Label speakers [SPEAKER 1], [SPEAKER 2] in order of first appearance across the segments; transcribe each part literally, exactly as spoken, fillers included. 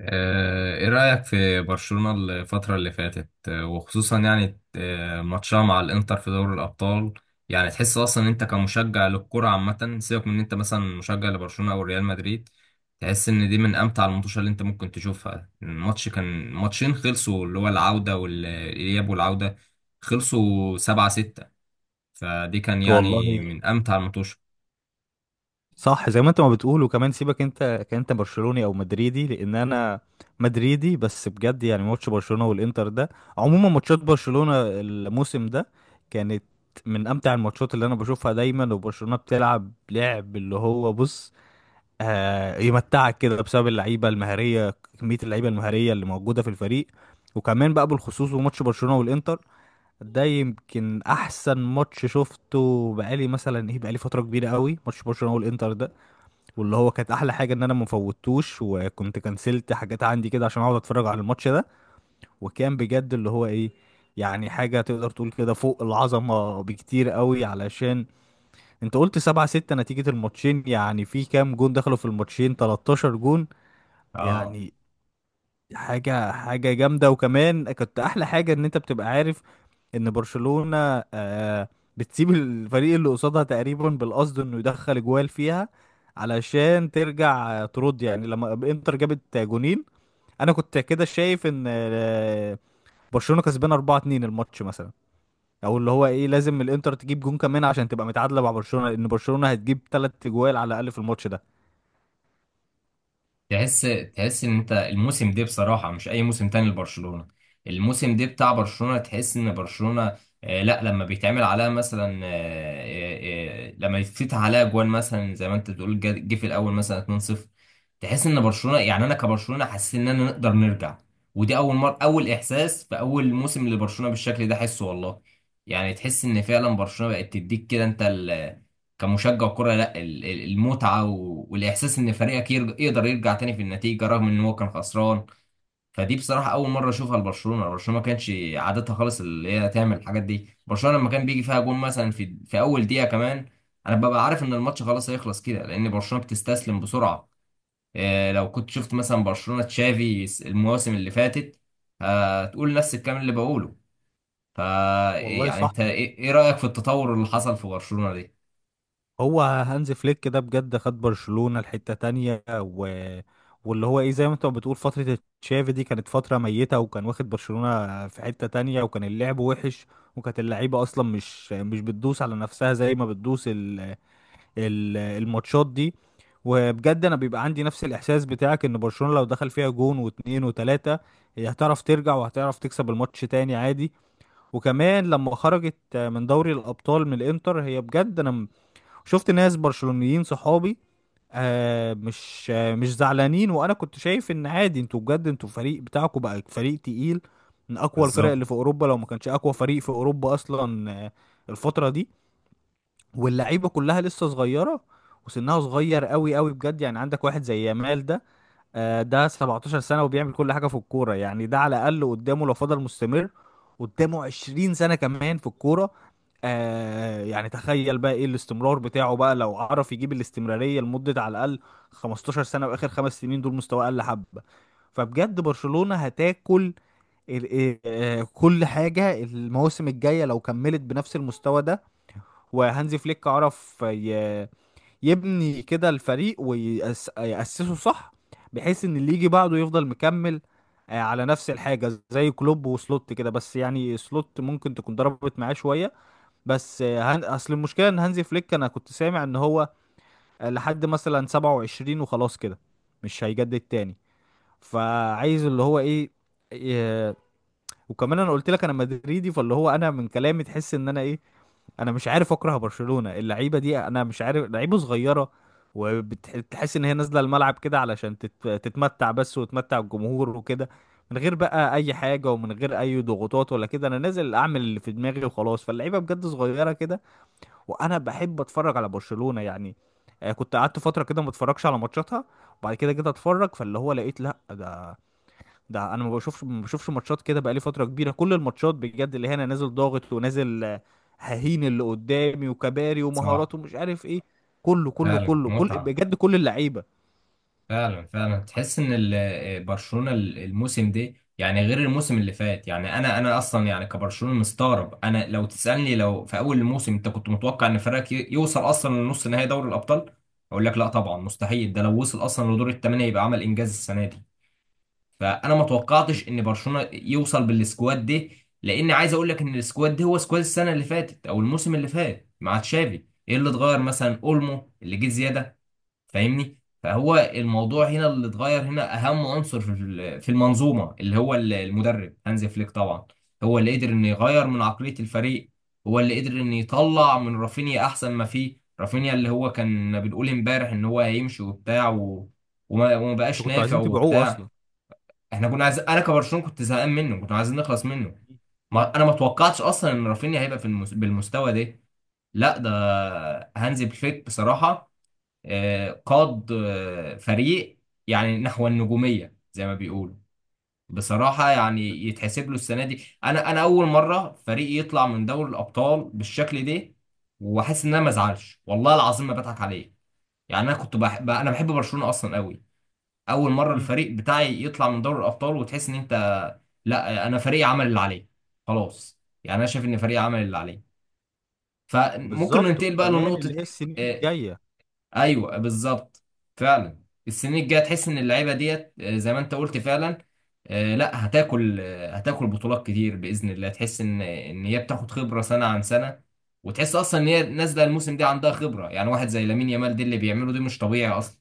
[SPEAKER 1] آه، ايه رأيك في برشلونة الفترة اللي فاتت، آه، وخصوصا يعني آه، ماتشها مع الانتر في دوري الأبطال. يعني تحس اصلا إن انت كمشجع للكرة عامة، سيبك من ان انت مثلا مشجع لبرشلونة او ريال مدريد، تحس ان دي من امتع الماتشات اللي انت ممكن تشوفها. الماتش كان ماتشين خلصوا اللي هو العودة والإياب والعودة، خلصوا سبعة ستة. فدي كان
[SPEAKER 2] والله
[SPEAKER 1] يعني من امتع الماتشات.
[SPEAKER 2] صح. زي ما انت ما بتقول، وكمان سيبك انت كأنت برشلوني او مدريدي، لان انا مدريدي. بس بجد يعني ماتش برشلونة والانتر ده، عموما ماتشات برشلونة الموسم ده، كانت من امتع الماتشات اللي انا بشوفها دايما. وبرشلونة بتلعب لعب اللي هو بص، آه يمتعك كده بسبب اللعيبة المهارية، كمية اللعيبة المهارية اللي موجودة في الفريق. وكمان بقى بالخصوص بماتش برشلونة والانتر ده، يمكن احسن ماتش شفته بقالي مثلا ايه، بقالي فتره كبيره قوي ماتش برشلونه والانتر ده. واللي هو كانت احلى حاجه ان انا ما فوتوش، وكنت كنسلت حاجات عندي كده عشان اقعد اتفرج على الماتش ده. وكان بجد اللي هو ايه، يعني حاجه تقدر تقول كده فوق العظمه بكتير قوي. علشان انت قلت سبعة ستة نتيجه الماتشين، يعني في كام جون دخلوا في الماتشين؟ تلتاشر جون
[SPEAKER 1] اه.
[SPEAKER 2] يعني، حاجة حاجة جامدة. وكمان كنت أحلى حاجة إن أنت بتبقى عارف إن برشلونة آه بتسيب الفريق اللي قصادها تقريبا بالقصد إنه يدخل جوال فيها، علشان ترجع آه، ترد. يعني لما إنتر جابت جونين، أنا كنت كده شايف إن آه برشلونة كسبان أربعة اتنين الماتش مثلا، أو اللي هو إيه لازم الإنتر تجيب جون كمان عشان تبقى متعادلة مع برشلونة، لأن برشلونة هتجيب تلات جوال على الأقل في الماتش ده.
[SPEAKER 1] تحس تحس ان انت الموسم ده بصراحه مش اي موسم تاني لبرشلونه. الموسم ده بتاع برشلونه تحس ان برشلونه، آه، لا لما بيتعمل عليها مثلا، آه، آه، آه، لما يتفتح عليها جوان مثلا زي ما انت بتقول جا- جه في الاول مثلا اتنين صفر، تحس ان برشلونه، يعني انا كبرشلونه حاسس ان انا نقدر نرجع. ودي اول مره، اول احساس في اول موسم لبرشلونه بالشكل ده حسه والله. يعني تحس ان فعلا برشلونه بقت تديك كده انت كمشجع كرة لا ال- ال- المتعة و- والإحساس إن فريقك يرج- يقدر يرجع تاني في النتيجة رغم إن هو كان خسران. فدي بصراحة أول مرة أشوفها لبرشلونة. برشلونة ما كانش عادتها خالص اللي هي تعمل الحاجات دي. برشلونة لما كان بيجي فيها جون مثلا في في أول دقيقة كمان، أنا ببقى عارف إن الماتش خلاص هيخلص كده لأن برشلونة بتستسلم بسرعة. إيه، لو كنت شفت مثلا برشلونة تشافي المواسم اللي فاتت، هتقول نفس الكلام اللي بقوله. فا
[SPEAKER 2] والله
[SPEAKER 1] يعني
[SPEAKER 2] صح.
[SPEAKER 1] أنت إيه إيه رأيك في التطور اللي حصل في برشلونة دي؟
[SPEAKER 2] هو هانز فليك كده بجد خد برشلونة لحتة تانية و... واللي هو ايه، زي ما انت بتقول فترة تشافي دي كانت فترة ميتة، وكان واخد برشلونة في حتة تانية، وكان اللعب وحش. وكانت اللعيبة اصلا مش مش بتدوس على نفسها زي ما بتدوس ال... ال... الماتشات دي. وبجد انا بيبقى عندي نفس الاحساس بتاعك، ان برشلونة لو دخل فيها جون واتنين وتلاتة، هي هتعرف ترجع وهتعرف تكسب الماتش تاني عادي. وكمان لما خرجت من دوري الابطال من الانتر، هي بجد انا شفت ناس برشلونيين صحابي آه مش آه مش زعلانين، وانا كنت شايف ان عادي، انتوا بجد انتوا فريق، بتاعكم بقى فريق تقيل، من اقوى الفرق
[SPEAKER 1] بالظبط.
[SPEAKER 2] اللي في اوروبا، لو ما كانش اقوى فريق في اوروبا اصلا آه الفترة دي. واللعيبة كلها لسه صغيرة وسنها صغير قوي قوي، بجد يعني عندك واحد زي يامال ده، آه، ده سبعتاشر سنة وبيعمل كل حاجة في الكورة. يعني ده على الأقل قدامه لو فضل مستمر قدامه عشرين سنة كمان في الكورة. آه يعني تخيل بقى ايه الاستمرار بتاعه بقى لو عرف يجيب الاستمرارية لمدة على الأقل خمستاشر سنة، وآخر خمس سنين دول مستواه أقل حبة. فبجد برشلونة هتاكل ال- آه، كل حاجة المواسم الجاية لو كملت بنفس المستوى ده. وهانزي فليك عرف يبني كده الفريق ويأسسه صح، بحيث ان اللي يجي بعده يفضل مكمل آه، على نفس الحاجة، زي كلوب وسلوت كده، بس يعني سلوت ممكن تكون ضربت معاه شوية. بس آه، هن... اصل المشكلة ان هانزي فليك انا كنت سامع ان هو آه، لحد مثلا سبعة وعشرين وخلاص كده، مش هيجدد تاني. فعايز اللي هو ايه, إيه... وكمان انا قلت لك انا مدريدي، فاللي هو انا من كلامي تحس ان انا ايه، انا مش عارف اكره برشلونة، اللعيبة دي انا مش عارف لعيبة صغيرة. وبتحس ان هي نازلة الملعب كده علشان تت- تتمتع بس، وتمتع الجمهور وكده، من غير بقى اي حاجة ومن غير اي ضغوطات ولا كده. انا نازل اعمل اللي في دماغي وخلاص، فاللعيبة بجد صغيرة كده. وانا بحب اتفرج على برشلونة يعني. آه، كنت قعدت فترة كده ما اتفرجش على ماتشاتها، وبعد كده جيت اتفرج، فاللي هو لقيت لا ده، ده انا ما بشوفش ما بشوفش ماتشات كده بقالي فتره كبيره. كل الماتشات بجد اللي هنا نازل ضاغط، ونازل آه، ههين اللي قدامي، وكباري
[SPEAKER 1] صح.
[SPEAKER 2] ومهارات ومش عارف ايه. كله كله
[SPEAKER 1] فعلا
[SPEAKER 2] كله كل
[SPEAKER 1] متعة.
[SPEAKER 2] بجد كل اللعيبه.
[SPEAKER 1] فعلا فعلا تحس ان ال- آه، برشلونة ال- الموسم ده يعني غير الموسم اللي فات. يعني انا انا اصلا يعني كبرشلونة مستغرب. انا لو تسألني لو في اول الموسم انت كنت متوقع ان فريقك ي- يوصل اصلا لنص نهائي دوري الابطال، اقول لك لا طبعا مستحيل. ده لو وصل اصلا لدور الثمانية يبقى عمل انجاز السنة دي. فانا ما
[SPEAKER 2] بس-
[SPEAKER 1] توقعتش ان برشلونة يوصل بالسكواد ده، لان عايز اقول لك ان السكواد ده هو سكواد السنة اللي فاتت او الموسم اللي فات مع تشافي. ايه اللي اتغير؟ مثلا اولمو اللي جه زيادة، فاهمني؟ فهو الموضوع هنا اللي اتغير هنا اهم عنصر في ال- في المنظومه اللي هو ال- المدرب هانز فليك طبعا. هو اللي قدر انه يغير من عقليه الفريق. هو اللي قدر انه يطلع من رافينيا احسن ما فيه. رافينيا اللي هو كان بنقول امبارح ان هو هيمشي وبتاع و... وما... وما
[SPEAKER 2] انتوا
[SPEAKER 1] بقاش
[SPEAKER 2] كنتوا
[SPEAKER 1] نافع
[SPEAKER 2] عايزين تبيعوه
[SPEAKER 1] وبتاع.
[SPEAKER 2] اصلا.
[SPEAKER 1] احنا كنا عايزين، انا كبرشلونه كنت زهقان منه، كنا عايزين نخلص منه. ما... انا ما توقعتش اصلا ان رافينيا هيبقى في المس... بالمستوى ده. لا ده هانز فليك بصراحه، آه، قاد آه، فريق يعني نحو النجومية زي ما بيقولوا. بصراحة يعني يتحسب له السنة دي. أنا أنا أول مرة فريق يطلع من دوري الأبطال بالشكل ده وأحس إن أنا ما أزعلش، والله العظيم ما بضحك عليه. يعني أنا كنت بحب أنا بحب برشلونة أصلا قوي. أول مرة
[SPEAKER 2] امم،
[SPEAKER 1] الفريق بتاعي يطلع من دوري الأبطال وتحس إن أنت، لا، أنا فريق عمل اللي عليه. خلاص، يعني أنا شايف إن فريق عمل اللي عليه. فممكن
[SPEAKER 2] بالظبط.
[SPEAKER 1] ننتقل بقى
[SPEAKER 2] وكمان
[SPEAKER 1] لنقطة.
[SPEAKER 2] اللي هي السنين
[SPEAKER 1] آه،
[SPEAKER 2] الجايه،
[SPEAKER 1] ايوه بالظبط، فعلا. السنين الجايه تحس ان اللعيبه ديت، آه، زي ما انت قلت فعلا، آه، لا هتاكل، آه، هتاكل بطولات كتير باذن الله. تحس ان ان هي بتاخد خبره سنه عن سنه. وتحس اصلا ان هي نازله الموسم ده عندها خبره. يعني واحد زي لامين يامال دي اللي بيعمله دي مش طبيعي اصلا.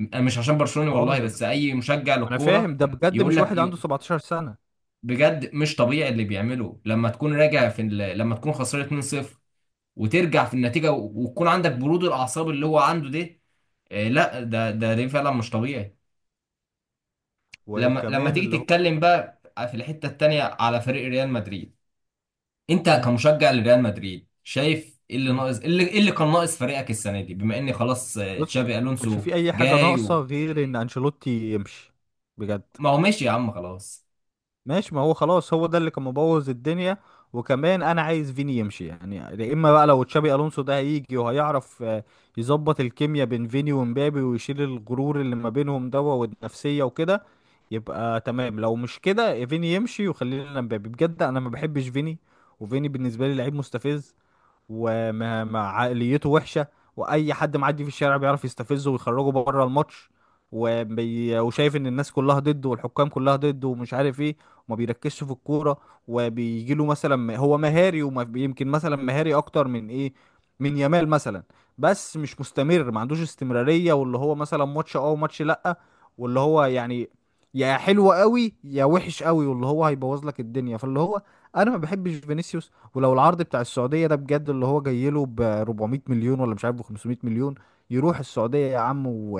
[SPEAKER 1] أنا مش عشان برشلوني
[SPEAKER 2] اه
[SPEAKER 1] والله،
[SPEAKER 2] ده،
[SPEAKER 1] بس اي
[SPEAKER 2] ما
[SPEAKER 1] مشجع
[SPEAKER 2] انا
[SPEAKER 1] للكوره
[SPEAKER 2] فاهم ده بجد،
[SPEAKER 1] يقول
[SPEAKER 2] مش
[SPEAKER 1] لك
[SPEAKER 2] واحد عنده
[SPEAKER 1] ي-
[SPEAKER 2] سبعتاشر سنه.
[SPEAKER 1] بجد مش طبيعي اللي بيعمله. لما تكون راجع في ال- لما تكون خسران اتنين صفر وترجع في النتيجه و- وتكون عندك برود الاعصاب اللي هو عنده ده، آه، لا ده ده ده فعلا مش طبيعي. لما لما
[SPEAKER 2] وكمان اللي
[SPEAKER 1] تيجي
[SPEAKER 2] هو،
[SPEAKER 1] تتكلم بقى في الحته التانيه على فريق ريال مدريد، انت
[SPEAKER 2] امم.
[SPEAKER 1] كمشجع لريال مدريد شايف ايه اللي
[SPEAKER 2] امم،
[SPEAKER 1] ناقص، ايه اللي, إيه اللي كان ناقص فريقك السنه دي بما ان خلاص آه،
[SPEAKER 2] بص
[SPEAKER 1] تشابي
[SPEAKER 2] ما كانش
[SPEAKER 1] الونسو
[SPEAKER 2] في اي حاجه
[SPEAKER 1] جاي
[SPEAKER 2] ناقصه
[SPEAKER 1] و...
[SPEAKER 2] غير ان انشيلوتي يمشي، بجد.
[SPEAKER 1] ما هو ماشي يا عم خلاص.
[SPEAKER 2] ماشي، ما هو خلاص هو ده اللي كان مبوظ الدنيا. وكمان انا عايز فيني يمشي، يعني يا اما بقى لو تشابي الونسو ده هيجي وهيعرف آه، يظبط الكيمياء بين فيني ومبابي ويشيل الغرور اللي ما بينهم دوا والنفسية وكده، يبقى تمام. لو مش كده فيني يمشي وخلي لنا مبابي، بجد انا ما بحبش فيني. وفيني بالنسبة لي لعيب مستفز، وعقليته وحشه، واي حد معدي في الشارع بيعرف يستفزه ويخرجه بره الماتش. وبي... وشايف ان الناس كلها ضده والحكام كلها ضده ومش عارف ايه، وما بيركزش في الكوره. وبيجي له مثلا م- هو مهاري، ويمكن مثلا مهاري اكتر من ايه، من يامال مثلا، بس مش مستمر، ما عندوش استمراريه، واللي هو مثلا ماتش اه وماتش لا. واللي هو يعني، يا حلو قوي يا وحش قوي، واللي هو هيبوظ لك الدنيا. فاللي هو انا ما بحبش فينيسيوس. ولو العرض بتاع السعودية ده بجد اللي هو جاي له ب أربعمائة مليون، ولا مش عارف ب خمسمائة مليون، يروح السعودية يا عم و...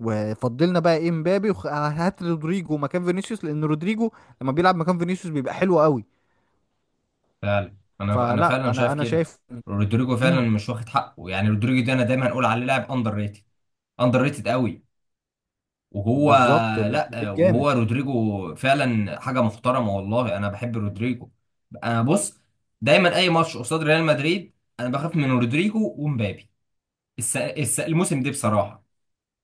[SPEAKER 2] وفضلنا بقى ايه مبابي، وهات رودريجو مكان فينيسيوس، لان رودريجو لما بيلعب مكان فينيسيوس بيبقى حلو قوي.
[SPEAKER 1] فعلا انا انا
[SPEAKER 2] فلا
[SPEAKER 1] فعلا
[SPEAKER 2] انا
[SPEAKER 1] شايف
[SPEAKER 2] انا
[SPEAKER 1] كده.
[SPEAKER 2] شايف.
[SPEAKER 1] رودريجو فعلا
[SPEAKER 2] امم،
[SPEAKER 1] مش واخد حقه. يعني رودريجو ده انا دايما هنقول عليه لاعب اندر ريتد، اندر ريتد قوي. وهو،
[SPEAKER 2] بالظبط، لا
[SPEAKER 1] لا
[SPEAKER 2] لعيب جامد.
[SPEAKER 1] وهو رودريجو فعلا حاجه محترمه والله. انا بحب رودريجو. انا بص، دايما اي ماتش قصاد ريال مدريد انا بخاف من رودريجو ومبابي. الس... الس... الموسم ده بصراحه،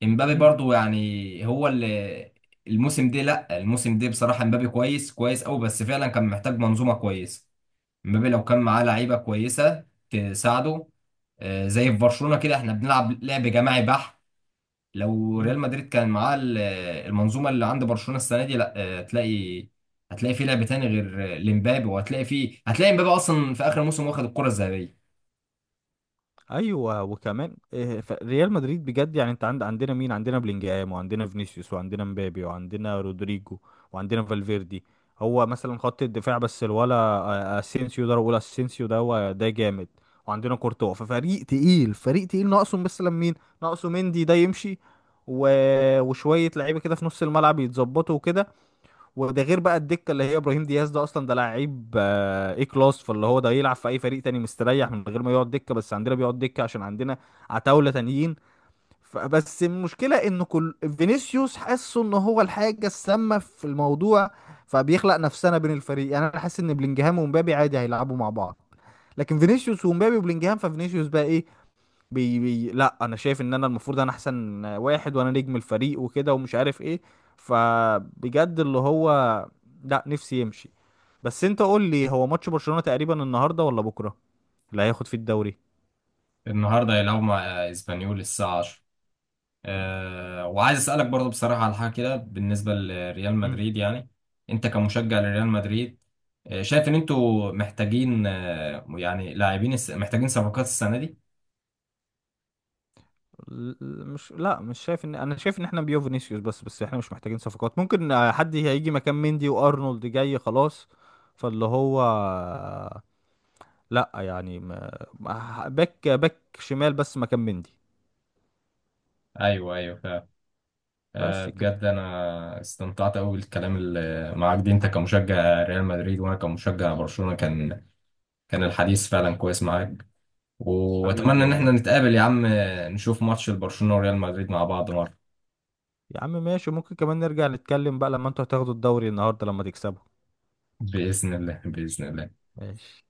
[SPEAKER 1] امبابي
[SPEAKER 2] امم.
[SPEAKER 1] برضو يعني هو اللي، الموسم ده، لا الموسم ده بصراحه امبابي كويس، كويس قوي، بس فعلا كان محتاج منظومه كويسه. امبابي لو كان معاه لعيبه كويسه تساعده، آه، زي في برشلونه كده احنا بنلعب لعب جماعي بحت. لو ريال
[SPEAKER 2] إمم.
[SPEAKER 1] مدريد كان معاه ال- المنظومه اللي عند برشلونه السنه دي، لا آه، هتلاقي، هتلاقي فيه لعب تاني غير آه، لمبابي، وهتلاقي فيه، هتلاقي مبابي اصلا في اخر الموسم واخد الكره الذهبيه.
[SPEAKER 2] ايوه. وكمان آه، ف- ريال مدريد بجد يعني انت عند، عندنا مين عندنا بلينجهام، وعندنا فينيسيوس، وعندنا مبابي، وعندنا رودريجو، وعندنا فالفيردي. هو مثلا خط الدفاع بس، الولا آه، اسينسيو ده، بقول اسينسيو ده هو ده جامد، وعندنا كورتوا. ففريق تقيل، فريق تقيل، ناقصه مثلا مين؟ ناقصه مندي ده يمشي، و... وشويه لعيبه كده في نص الملعب يتظبطوا وكده. وده غير بقى الدكه اللي هي ابراهيم دياز، ده اصلا ده لعيب آه، ايه كلاس، فاللي هو ده يلعب في اي فريق تاني مستريح من غير ما يقعد دكه، بس عندنا بيقعد دكه عشان عندنا عتاوله تانيين. فبس المشكله ان كل فينيسيوس حاسه ان هو الحاجه السامه في الموضوع، فبيخلق نفسنا بين الفريق. يعني انا حاسس ان بلينجهام ومبابي عادي هيلعبوا مع بعض، لكن فينيسيوس ومبابي وبلينجهام، ففينيسيوس بقى ايه، بي بي لا انا شايف ان انا المفروض انا احسن واحد وانا نجم الفريق وكده ومش عارف ايه. فبجد اللي هو لا نفسي يمشي. بس انت قول لي، هو ماتش برشلونة تقريبا النهارده ولا بكره اللي هياخد فيه الدوري؟
[SPEAKER 1] النهارده هيلعبوا مع آه، اسبانيول الساعه عشرة. أه، وعايز اسالك برضو بصراحه على حاجه كده بالنسبه لريال
[SPEAKER 2] مم.
[SPEAKER 1] مدريد. يعني انت كمشجع لريال مدريد، آه، شايف ان انتوا محتاجين آه، يعني لاعبين، الس- محتاجين صفقات السنه دي؟
[SPEAKER 2] ل- مش لا مش شايف، ان انا شايف ان احنا بيو فينيسيوس بس. بس احنا مش محتاجين صفقات، ممكن آه، حد هيجي مكان مندي، وارنولد جاي خلاص، فاللي هو آه، لا يعني ما- ما- باك، باك شمال بس مكان مندي،
[SPEAKER 1] ايوه ايوه. آه،
[SPEAKER 2] بس كده.
[SPEAKER 1] بجد انا استمتعت قوي بالكلام اللي معاك دي. انت كمشجع ريال مدريد وانا كمشجع برشلونة، كان كان الحديث فعلا كويس معاك.
[SPEAKER 2] حبيبي
[SPEAKER 1] واتمنى ان احنا
[SPEAKER 2] والله،
[SPEAKER 1] نتقابل يا عم، آه، نشوف ماتش البرشلونة وريال مدريد مع بعض مرة.
[SPEAKER 2] يا عم ماشي، ممكن كمان نرجع نتكلم بقى لما انتوا هتاخدوا الدوري النهارده لما تكسبوا.
[SPEAKER 1] بإذن الله، بإذن الله.
[SPEAKER 2] ماشي.